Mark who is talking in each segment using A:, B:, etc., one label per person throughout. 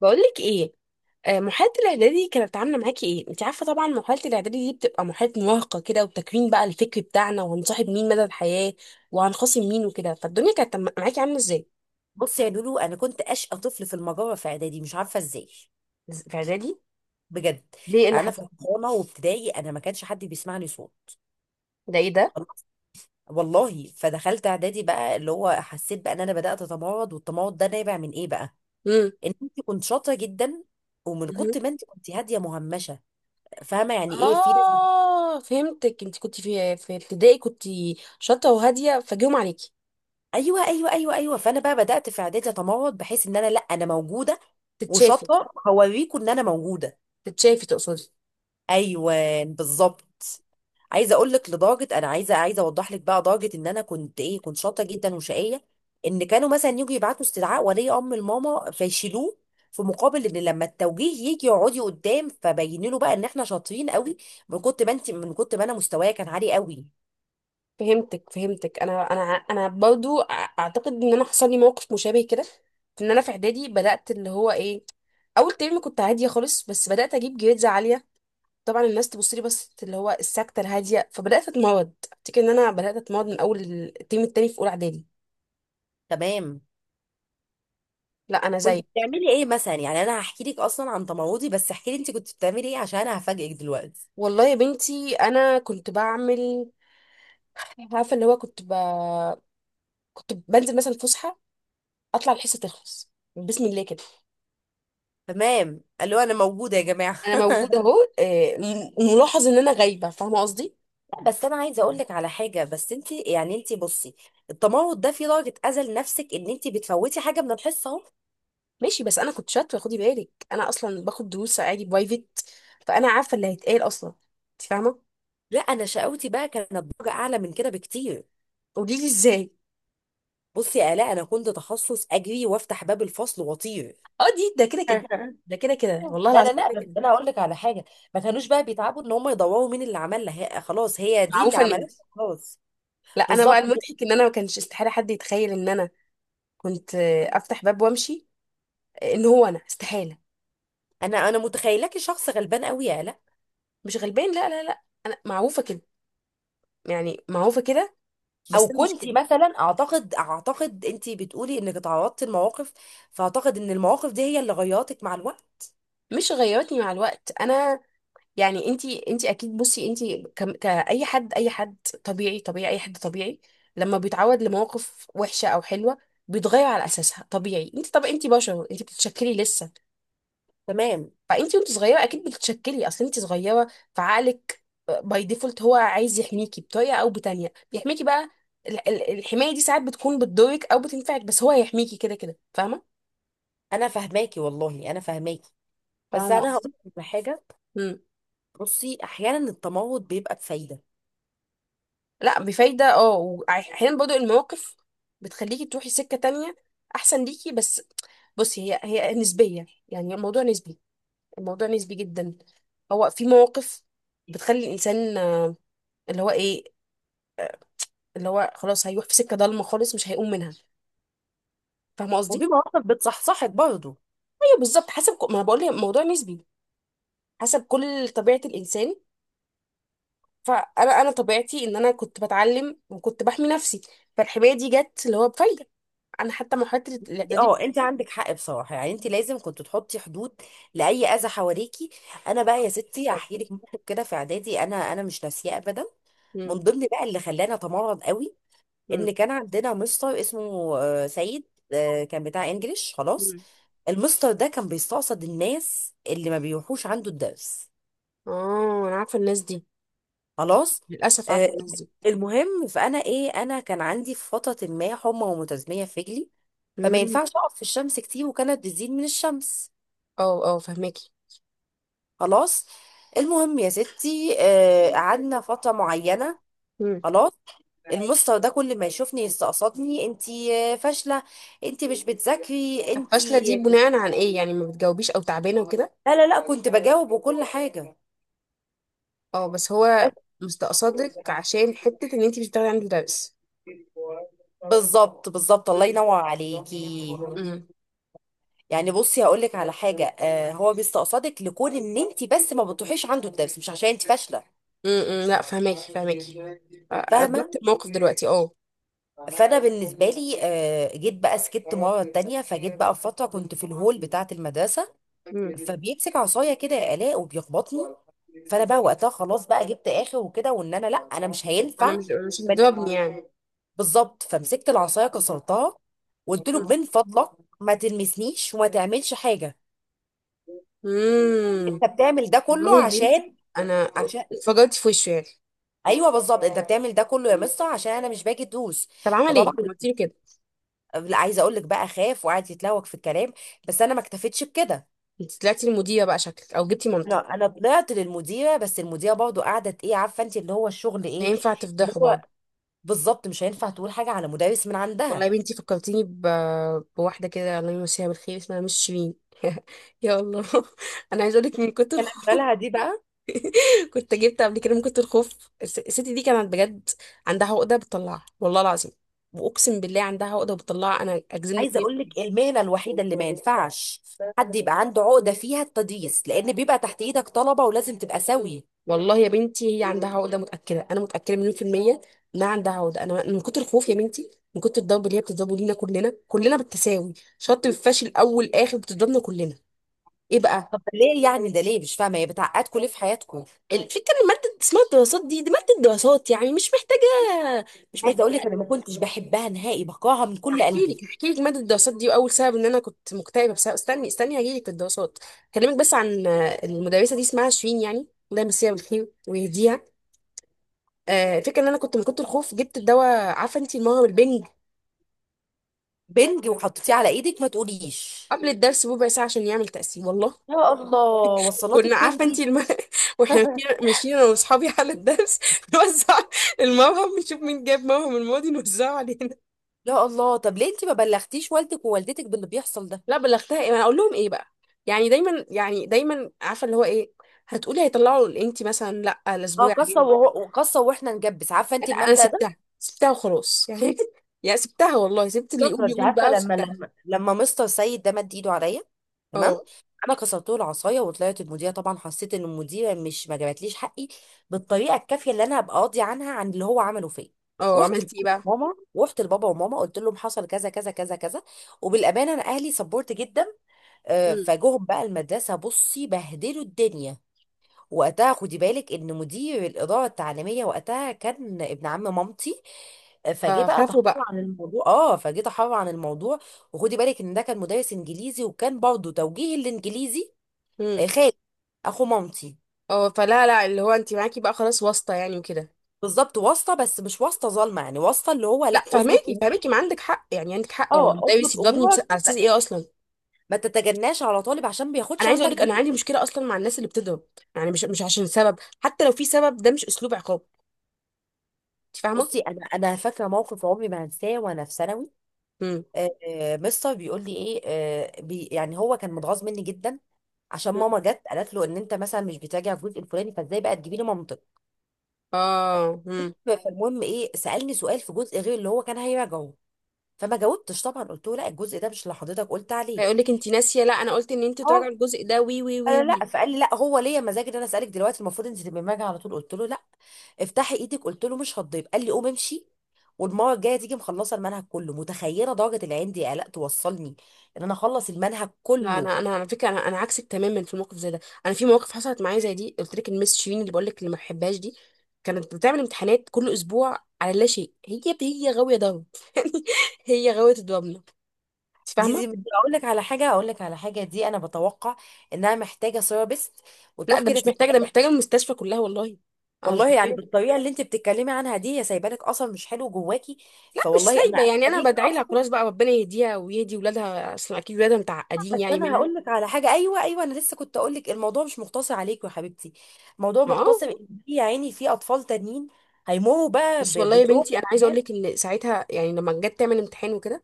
A: بقولك ايه؟ محاولة الاعدادي دي كانت عاملة معاكي ايه؟ انت عارفة طبعا محاولة الاعدادي دي بتبقى محاولة مراهقة كده، وتكوين بقى الفكر بتاعنا، وهنصاحب مين مدى الحياة، وهنخاصم مين وكده. فالدنيا كانت معاكي عاملة ازاي؟
B: بص يا لولو، انا كنت اشقى طفل في المجره في اعدادي، مش عارفه ازاي،
A: في اعدادي.
B: بجد.
A: ليه؟ ايه اللي
B: يعني انا في
A: حصل؟
B: الحضانه وابتدائي انا ما كانش حد بيسمعني صوت.
A: ده ايه ده؟
B: خلاص، والله. فدخلت اعدادي بقى اللي هو حسيت بقى ان انا بدات اتمرد، والتمرد ده نابع من ايه بقى؟
A: امم
B: ان انت كنت شاطره جدا، ومن كنت
A: مهم.
B: ما انت كنت هاديه مهمشه. فاهمه يعني ايه؟ في ناس
A: اه، فهمتك. انت كنت في ابتدائي كنت شاطرة وهادية، فجيهم عليكي
B: ايوه ايوه ايوه ايوه، فانا بقى بدات في اعدادي اتمرد بحيث ان انا، لا انا موجوده
A: تتشافي.
B: وشاطره، هوريكم ان انا موجوده.
A: تتشافي تقصدي؟
B: ايوه، بالظبط. عايزه اقول لك لدرجه انا عايزه اوضح لك بقى درجه ان انا كنت ايه، كنت شاطره جدا وشقيه. ان كانوا مثلا يجوا يبعتوا استدعاء ولي امر الماما فيشيلوه، في مقابل ان لما التوجيه يجي يقعدي قدام فبين له بقى ان احنا شاطرين قوي. من كنت ما انت، من كنت ما انا مستوايا كان عالي قوي.
A: فهمتك فهمتك. انا برضو اعتقد ان انا حصل لي موقف مشابه كده، في ان انا في اعدادي بدات اللي هو ايه، اول ترم كنت عاديه خالص، بس بدات اجيب جريدز عاليه. طبعا الناس تبص لي، بس اللي هو الساكته الهاديه، فبدات اتمرض، افتكر ان انا بدات اتمرض من اول الترم التاني في اولى اعدادي.
B: تمام.
A: لا انا
B: كنت
A: زيك.
B: بتعملي ايه مثلا؟ يعني انا هحكي لك اصلا عن تمردي، بس احكي لي انت كنت بتعملي ايه عشان انا هفاجئك دلوقتي.
A: والله يا بنتي انا كنت بعمل، عارفه اللي هو كنت ب... كنت بنزل مثلا فسحه، اطلع الحصه تخلص بسم الله كده.
B: تمام، قالوا انا موجوده يا جماعه
A: انا موجوده اهو. ملاحظ ان انا غايبه، فاهمه قصدي؟
B: بس انا عايزه اقول لك على حاجه، بس انت يعني انت بصي، التمرد ده في درجه اذى لنفسك ان انت بتفوتي حاجه من الحصه اهو.
A: ماشي، بس انا كنت شاطره، خدي بالك انا اصلا باخد دروس عادي برايفت، فانا عارفه اللي هيتقال اصلا، انت فاهمه.
B: لا، انا شقاوتي بقى كانت درجه اعلى من كده بكتير.
A: قولي لي ازاي.
B: بصي يا الاء، انا كنت تخصص اجري وافتح باب الفصل واطير
A: اه دي ده كده كده. ده كده كده، والله
B: لا لا
A: العظيم
B: لا
A: كده
B: بس
A: كده.
B: انا هقول لك على حاجه. ما كانوش بقى بيتعبوا ان هم يدوروا مين اللي عملها، هي خلاص هي دي اللي
A: معروفه ان...
B: عملتها، خلاص.
A: لا انا بقى
B: بالظبط.
A: المضحك ان انا ما كانش استحاله حد يتخيل ان انا كنت، افتح باب وامشي. ان هو انا استحاله.
B: انا متخيلاكي شخص غلبان قوي يا الاء.
A: مش غلبان، لا لا لا، انا معروفه كده، يعني معروفه كده،
B: او
A: بس انا مش
B: كنتي
A: كده.
B: مثلا، اعتقد انتي بتقولي انك تعرضتي لمواقف، فاعتقد ان المواقف دي هي اللي غيرتك مع الوقت.
A: مش غيرتني مع الوقت انا. يعني انتي اكيد، بصي انتي كأي حد، اي حد طبيعي، طبيعي اي حد طبيعي، لما بيتعود لمواقف وحشة او حلوة بيتغير على اساسها. طبيعي، انتي طب انتي بشر، انتي بتتشكلي لسه.
B: تمام.
A: فانتي وانت صغيرة اكيد بتتشكلي، اصل انتي صغيرة، فعقلك باي ديفولت هو عايز يحميكي بطريقة او بتانية، بيحميكي بقى. الحماية دي ساعات بتكون بتضرك او بتنفعك، بس هو هيحميكي كده كده، فاهمة؟
B: انا فاهماكي والله، انا فاهماكي. بس
A: فاهمة
B: انا
A: قصدي؟
B: هقول لك على حاجه. بصي، احيانا التمرد بيبقى بفايده.
A: لا بفايدة، اه. واحيانا برضو المواقف بتخليكي تروحي سكة تانية احسن ليكي. بس بصي، هي هي نسبية، يعني الموضوع نسبي، الموضوع نسبي جدا. هو في مواقف بتخلي الانسان اللي هو ايه، اللي هو خلاص هيروح في سكة ضلمة خالص مش هيقوم منها، فاهمة قصدي؟
B: وفي مواقف بتصحصحك برضه.
A: ايوه بالظبط، حسب ما انا بقول لك الموضوع نسبي، حسب كل طبيعة الانسان. فانا انا طبيعتي ان انا كنت بتعلم وكنت بحمي نفسي، فالحماية دي جت اللي هو بفايدة، انا حتى مرحلة الاعدادي.
B: اه، انت عندك حق بصراحه، يعني انت لازم كنت تحطي حدود لاي اذى حواليكي. انا بقى يا ستي
A: بالظبط.
B: هحكي لك موقف كده في اعدادي، انا مش ناسياه ابدا. من ضمن بقى اللي خلاني اتمرد قوي،
A: مم.
B: ان كان عندنا مستر اسمه سيد. كان بتاع انجليش، خلاص.
A: مم.
B: المستر ده كان بيستقصد الناس اللي ما بيروحوش عنده الدرس،
A: اه انا عارفه الناس دي،
B: خلاص.
A: للاسف
B: آه،
A: عارفه الناس دي.
B: المهم، فانا ايه، انا كان عندي في فتره ما حمى ومتزميه في رجلي. فما
A: مم.
B: ينفعش اقف في الشمس كتير، وكانت بتزيد من الشمس.
A: اه اه، فهماكي.
B: خلاص. المهم يا ستي، قعدنا فتره معينه،
A: مم.
B: خلاص. المستر ده كل ما يشوفني يستقصدني، انتي فاشله، انتي مش بتذاكري
A: طب فاشله
B: انتي.
A: دي بناء عن ايه؟ يعني ما بتجاوبيش او تعبانه وكده؟
B: لا لا لا، كنت بجاوب وكل حاجة،
A: اه بس هو
B: بس.
A: مستقصدك عشان حته ان انت مش بتاخدي عند مدرس.
B: بالظبط، بالظبط، الله
A: مم.
B: ينور عليكي.
A: مم.
B: يعني بصي هقول لك على حاجة، آه، هو بيستقصدك لكون ان انت بس ما بتروحيش عنده الدرس، مش عشان انت فاشلة.
A: مم. لا فهماكي فهماكي،
B: فاهمة.
A: ادركت الموقف دلوقتي، اه.
B: فانا بالنسبة لي، آه، جيت بقى سكت مرة تانية، فجيت بقى في فترة كنت في الهول بتاعة المدرسة.
A: مم.
B: فبيمسك عصاية كده يا آلاء وبيخبطني. فانا بقى وقتها خلاص بقى جبت اخر وكده، وان انا لا انا مش
A: انا
B: هينفع.
A: مش، مش هتضربني يعني.
B: بالظبط. فمسكت العصايه كسرتها. وقلت له من فضلك ما تلمسنيش وما تعملش حاجه.
A: امم.
B: انت بتعمل ده
A: والله
B: كله
A: يا بنتي
B: عشان،
A: انا...
B: عشان.
A: اتفجرت في وشه يعني.
B: ايوه، بالظبط، انت بتعمل ده كله يا مستر عشان انا مش باجي ادوس.
A: طب عمل
B: فطبعا،
A: ايه؟ قلت له كده؟
B: لا، عايزه اقول لك بقى، خاف وقعد يتلوك في الكلام. بس انا ما اكتفيتش بكده.
A: انت طلعتي المديره بقى شكلك، او جبتي مامتك؟
B: انا طلعت للمديره، بس المديره برضو قعدت ايه عارفه انت اللي هو الشغل ايه،
A: ينفع
B: اللي
A: تفضحه برضه؟
B: هو، بالظبط مش هينفع تقول حاجه على مدرس من
A: والله
B: عندها.
A: يا بنتي فكرتيني ب... بواحدة كده الله يمسيها بالخير، اسمها مش شيرين. يا الله. انا عايزه اقول لك من كتر
B: كان
A: الخوف.
B: اخرها دي بقى.
A: كنت جبت قبل كده من كتر الخوف. الست دي كانت بجد عندها عقده بتطلعها، والله العظيم واقسم بالله عندها عقده بتطلعها، انا اجزم لك
B: عايزه اقول
A: مية...
B: لك، المهنه الوحيده اللي ما ينفعش حد يبقى عنده عقده فيها التدريس، لان بيبقى تحت ايدك طلبه ولازم تبقى سوي.
A: والله يا بنتي هي عندها عقده، متاكده، انا متاكده مليون في الميه انها عندها عقده. انا من كتر الخوف يا بنتي، من كتر الضرب اللي هي بتضربه لينا كلنا، كلنا بالتساوي، شرط الفاشل اول اخر بتضربنا كلنا. ايه بقى؟
B: طب ده ليه يعني، ده ليه مش فاهمه، هي بتعقدكم ليه في حياتكم؟
A: الفكره ان ماده اسمها الدراسات دي، دي ماده دراسات يعني، مش محتاجه، مش
B: عايزه اقول لك
A: محتاجه.
B: انا ما كنتش بحبها نهائي، بكرهها من كل
A: احكي
B: قلبي.
A: لك احكي لك ماده الدراسات دي، واول سبب ان انا كنت مكتئبه بسبب، استني استني هجي لك في الدراسات. اكلمك بس عن المدرسه دي اسمها شيرين يعني، الله يمسيها بالخير ويهديها. الفكره ان انا كنت من كنت الخوف جبت الدواء، عارفه انت المهر البنج،
B: بنج وحطيتيه على ايدك، ما تقوليش.
A: قبل الدرس بربع ساعه عشان يعمل تاثير، والله.
B: يا الله،
A: كنا
B: وصلاتك فين
A: عارفه انت
B: دي.
A: الم... واحنا ماشيين ماشيين انا واصحابي على الدرس نوزع الموهم، نشوف مين جاب موهم الماضي نوزعه علينا.
B: يا الله، طب ليه انت ما بلغتيش والدك ووالدتك باللي بيحصل ده؟
A: لا بلغتها ايه؟ ما انا اقول لهم ايه بقى؟ يعني دايما، يعني دايما، عارفه اللي هو ايه، هتقولي هيطلعوا انت مثلا لا
B: اه،
A: الاسبوع
B: قصه
A: عليه.
B: وهو قصه واحنا نجبس، عارفه انت
A: انا
B: المبدأ ده.
A: سبتها، سبتها وخلاص يعني. يا سبتها والله، سبت اللي
B: شاطره.
A: يقول
B: انت
A: يقول
B: عارفه،
A: بقى،
B: لما
A: وسبتها.
B: لما لما مستر سيد ده مد ايده عليا، تمام،
A: اه.
B: انا كسرت له العصايه وطلعت المذيعه. طبعا حسيت ان المذيعه مش ما جابتليش حقي بالطريقه الكافيه اللي انا هبقى قاضي عنها عن اللي هو عمله فيا.
A: اه
B: رحت
A: عملت ايه
B: لبابا
A: بقى؟
B: وماما، رحت لبابا وماما قلت لهم حصل كذا كذا كذا كذا. وبالامانه انا اهلي سبورت جدا.
A: امم.
B: فجوهم بقى المدرسه، بصي، بهدلوا الدنيا. وقتها خدي بالك ان مدير الاداره التعليميه وقتها كان ابن عم مامتي. فجه بقى
A: فخافوا
B: تحرر
A: بقى.
B: عن الموضوع، اه، فجه تحرر عن الموضوع. وخدي بالك ان ده كان مدرس انجليزي وكان برضه توجيه الانجليزي.
A: امم.
B: خالد، اخو مامتي.
A: اه فلا لا، اللي هو انت معاكي بقى خلاص واسطه يعني وكده.
B: بالظبط، واسطه، بس مش واسطه ظالمه، يعني واسطه اللي هو
A: لا
B: لا اظبط
A: فهماكي
B: امورك.
A: فهماكي، ما عندك حق يعني، عندك حق، هو
B: اه،
A: ده
B: اظبط
A: بيسيبني بس
B: امورك،
A: على اساس ايه اصلا؟
B: ما تتجناش على طالب عشان
A: انا
B: بياخدش
A: عايزه
B: عندك
A: اقول لك،
B: دور.
A: انا عندي مشكله اصلا مع الناس اللي بتضرب، يعني مش، مش عشان سبب، حتى لو في سبب، ده مش اسلوب عقاب، انت فاهمه.
B: بصي، انا فاكره موقف عمري ما هنساه وانا في ثانوي.
A: مم.
B: مستر بيقول لي ايه، بي، يعني هو كان متغاظ مني جدا عشان
A: مم.
B: ماما جت قالت له ان انت مثلا مش بتراجع الجزء الفلاني، فازاي بقى تجيبي لي منطق.
A: اه مم.
B: فالمهم ايه، سالني سؤال في جزء غير اللي هو كان هيراجعه. فما جاوبتش طبعا، قلت له لا الجزء ده مش اللي حضرتك قلت عليه.
A: هيقول لك انت ناسيه، لا انا قلت ان انت تراجع
B: اه.
A: الجزء ده وي وي وي
B: قال لا،
A: وي.
B: فقال لي لا، هو ليا مزاج ان انا اسالك دلوقتي، المفروض انت تبقي راجعه على طول. قلت له لا. افتحي ايدك، قلت له مش هتضيب. قال لي قوم امشي، والمره الجايه تيجي مخلصه المنهج كله. متخيله درجه العين دي قلق توصلني ان انا اخلص المنهج
A: لا
B: كله.
A: انا على فكره، انا عكسك تماما في الموقف زي ده. انا في مواقف حصلت معايا زي دي، قلت لك المس شيرين اللي بقول لك اللي ما بحبهاش دي، كانت بتعمل امتحانات كل اسبوع على لا شيء، هي هي غاويه ضرب. هي غاويه الضربنه، انت
B: دي
A: فاهمه.
B: دي بدي اقول لك على حاجه، اقول لك على حاجه، دي انا بتوقع انها محتاجه ثيرابيست
A: لا
B: وتروح
A: ده
B: كده
A: مش محتاجه، ده
B: تتعالج.
A: محتاجه المستشفى كلها والله. انا مش
B: والله يعني
A: ببين.
B: بالطريقه اللي انت بتتكلمي عنها دي، يا سايبه لك اثر مش حلو جواكي.
A: لا مش
B: فوالله انا
A: سايبه يعني،
B: عارفه
A: انا
B: بيك
A: بدعي لها
B: اصلا.
A: خلاص بقى، ربنا يهديها ويهدي ولادها، اصلا اكيد ولادها متعقدين
B: بس
A: يعني
B: انا
A: منها.
B: هقول لك على حاجه، ايوه ايوه، انا لسه كنت اقول لك الموضوع مش مقتصر عليك يا حبيبتي، الموضوع مقتصر
A: اه.
B: ان في، يا عيني، في اطفال تانيين هيمروا بقى
A: بس والله يا
B: بتروح
A: بنتي انا عايزه اقول
B: وحاجات.
A: لك ان ساعتها، يعني لما جت تعمل امتحان وكده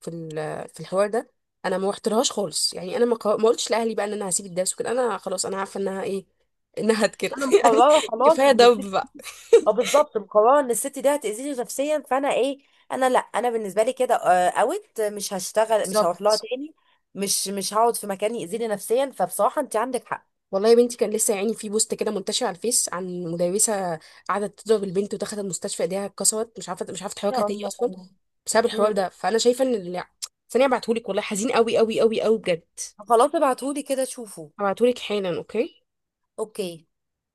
A: في في الحوار ده، انا ما رحتلهاش خالص يعني، انا ما قلتش لاهلي بقى ان انا هسيب الدرس وكده، انا خلاص انا عارفه انها ايه، انها كده
B: انا
A: يعني.
B: مقرره خلاص
A: كفايه
B: ان،
A: دب بقى.
B: اه بالظبط، مقرره ان الست دي هتاذيني نفسيا. فانا ايه، انا لا انا بالنسبه لي كده اوت، مش هشتغل، مش هروح لها
A: بالظبط.
B: تاني. مش مش هقعد في مكان ياذيني نفسيا، فبصراحه انت عندك حق.
A: والله يا بنتي كان لسه يعني في بوست كده منتشر على الفيس عن مدرسه قعدت تضرب البنت ودخلت المستشفى، ايديها اتكسرت، مش عارفه، مش عارفه تحركها
B: يا
A: تاني
B: الله.
A: اصلا، بسبب الحوار
B: امم.
A: ده. فانا شايفه ان ثانيه ابعتهولك، والله حزين قوي قوي قوي قوي بجد.
B: خلاص، ابعتهولي كده شوفوا.
A: هبعتهولك حالا، اوكي.
B: اوكي.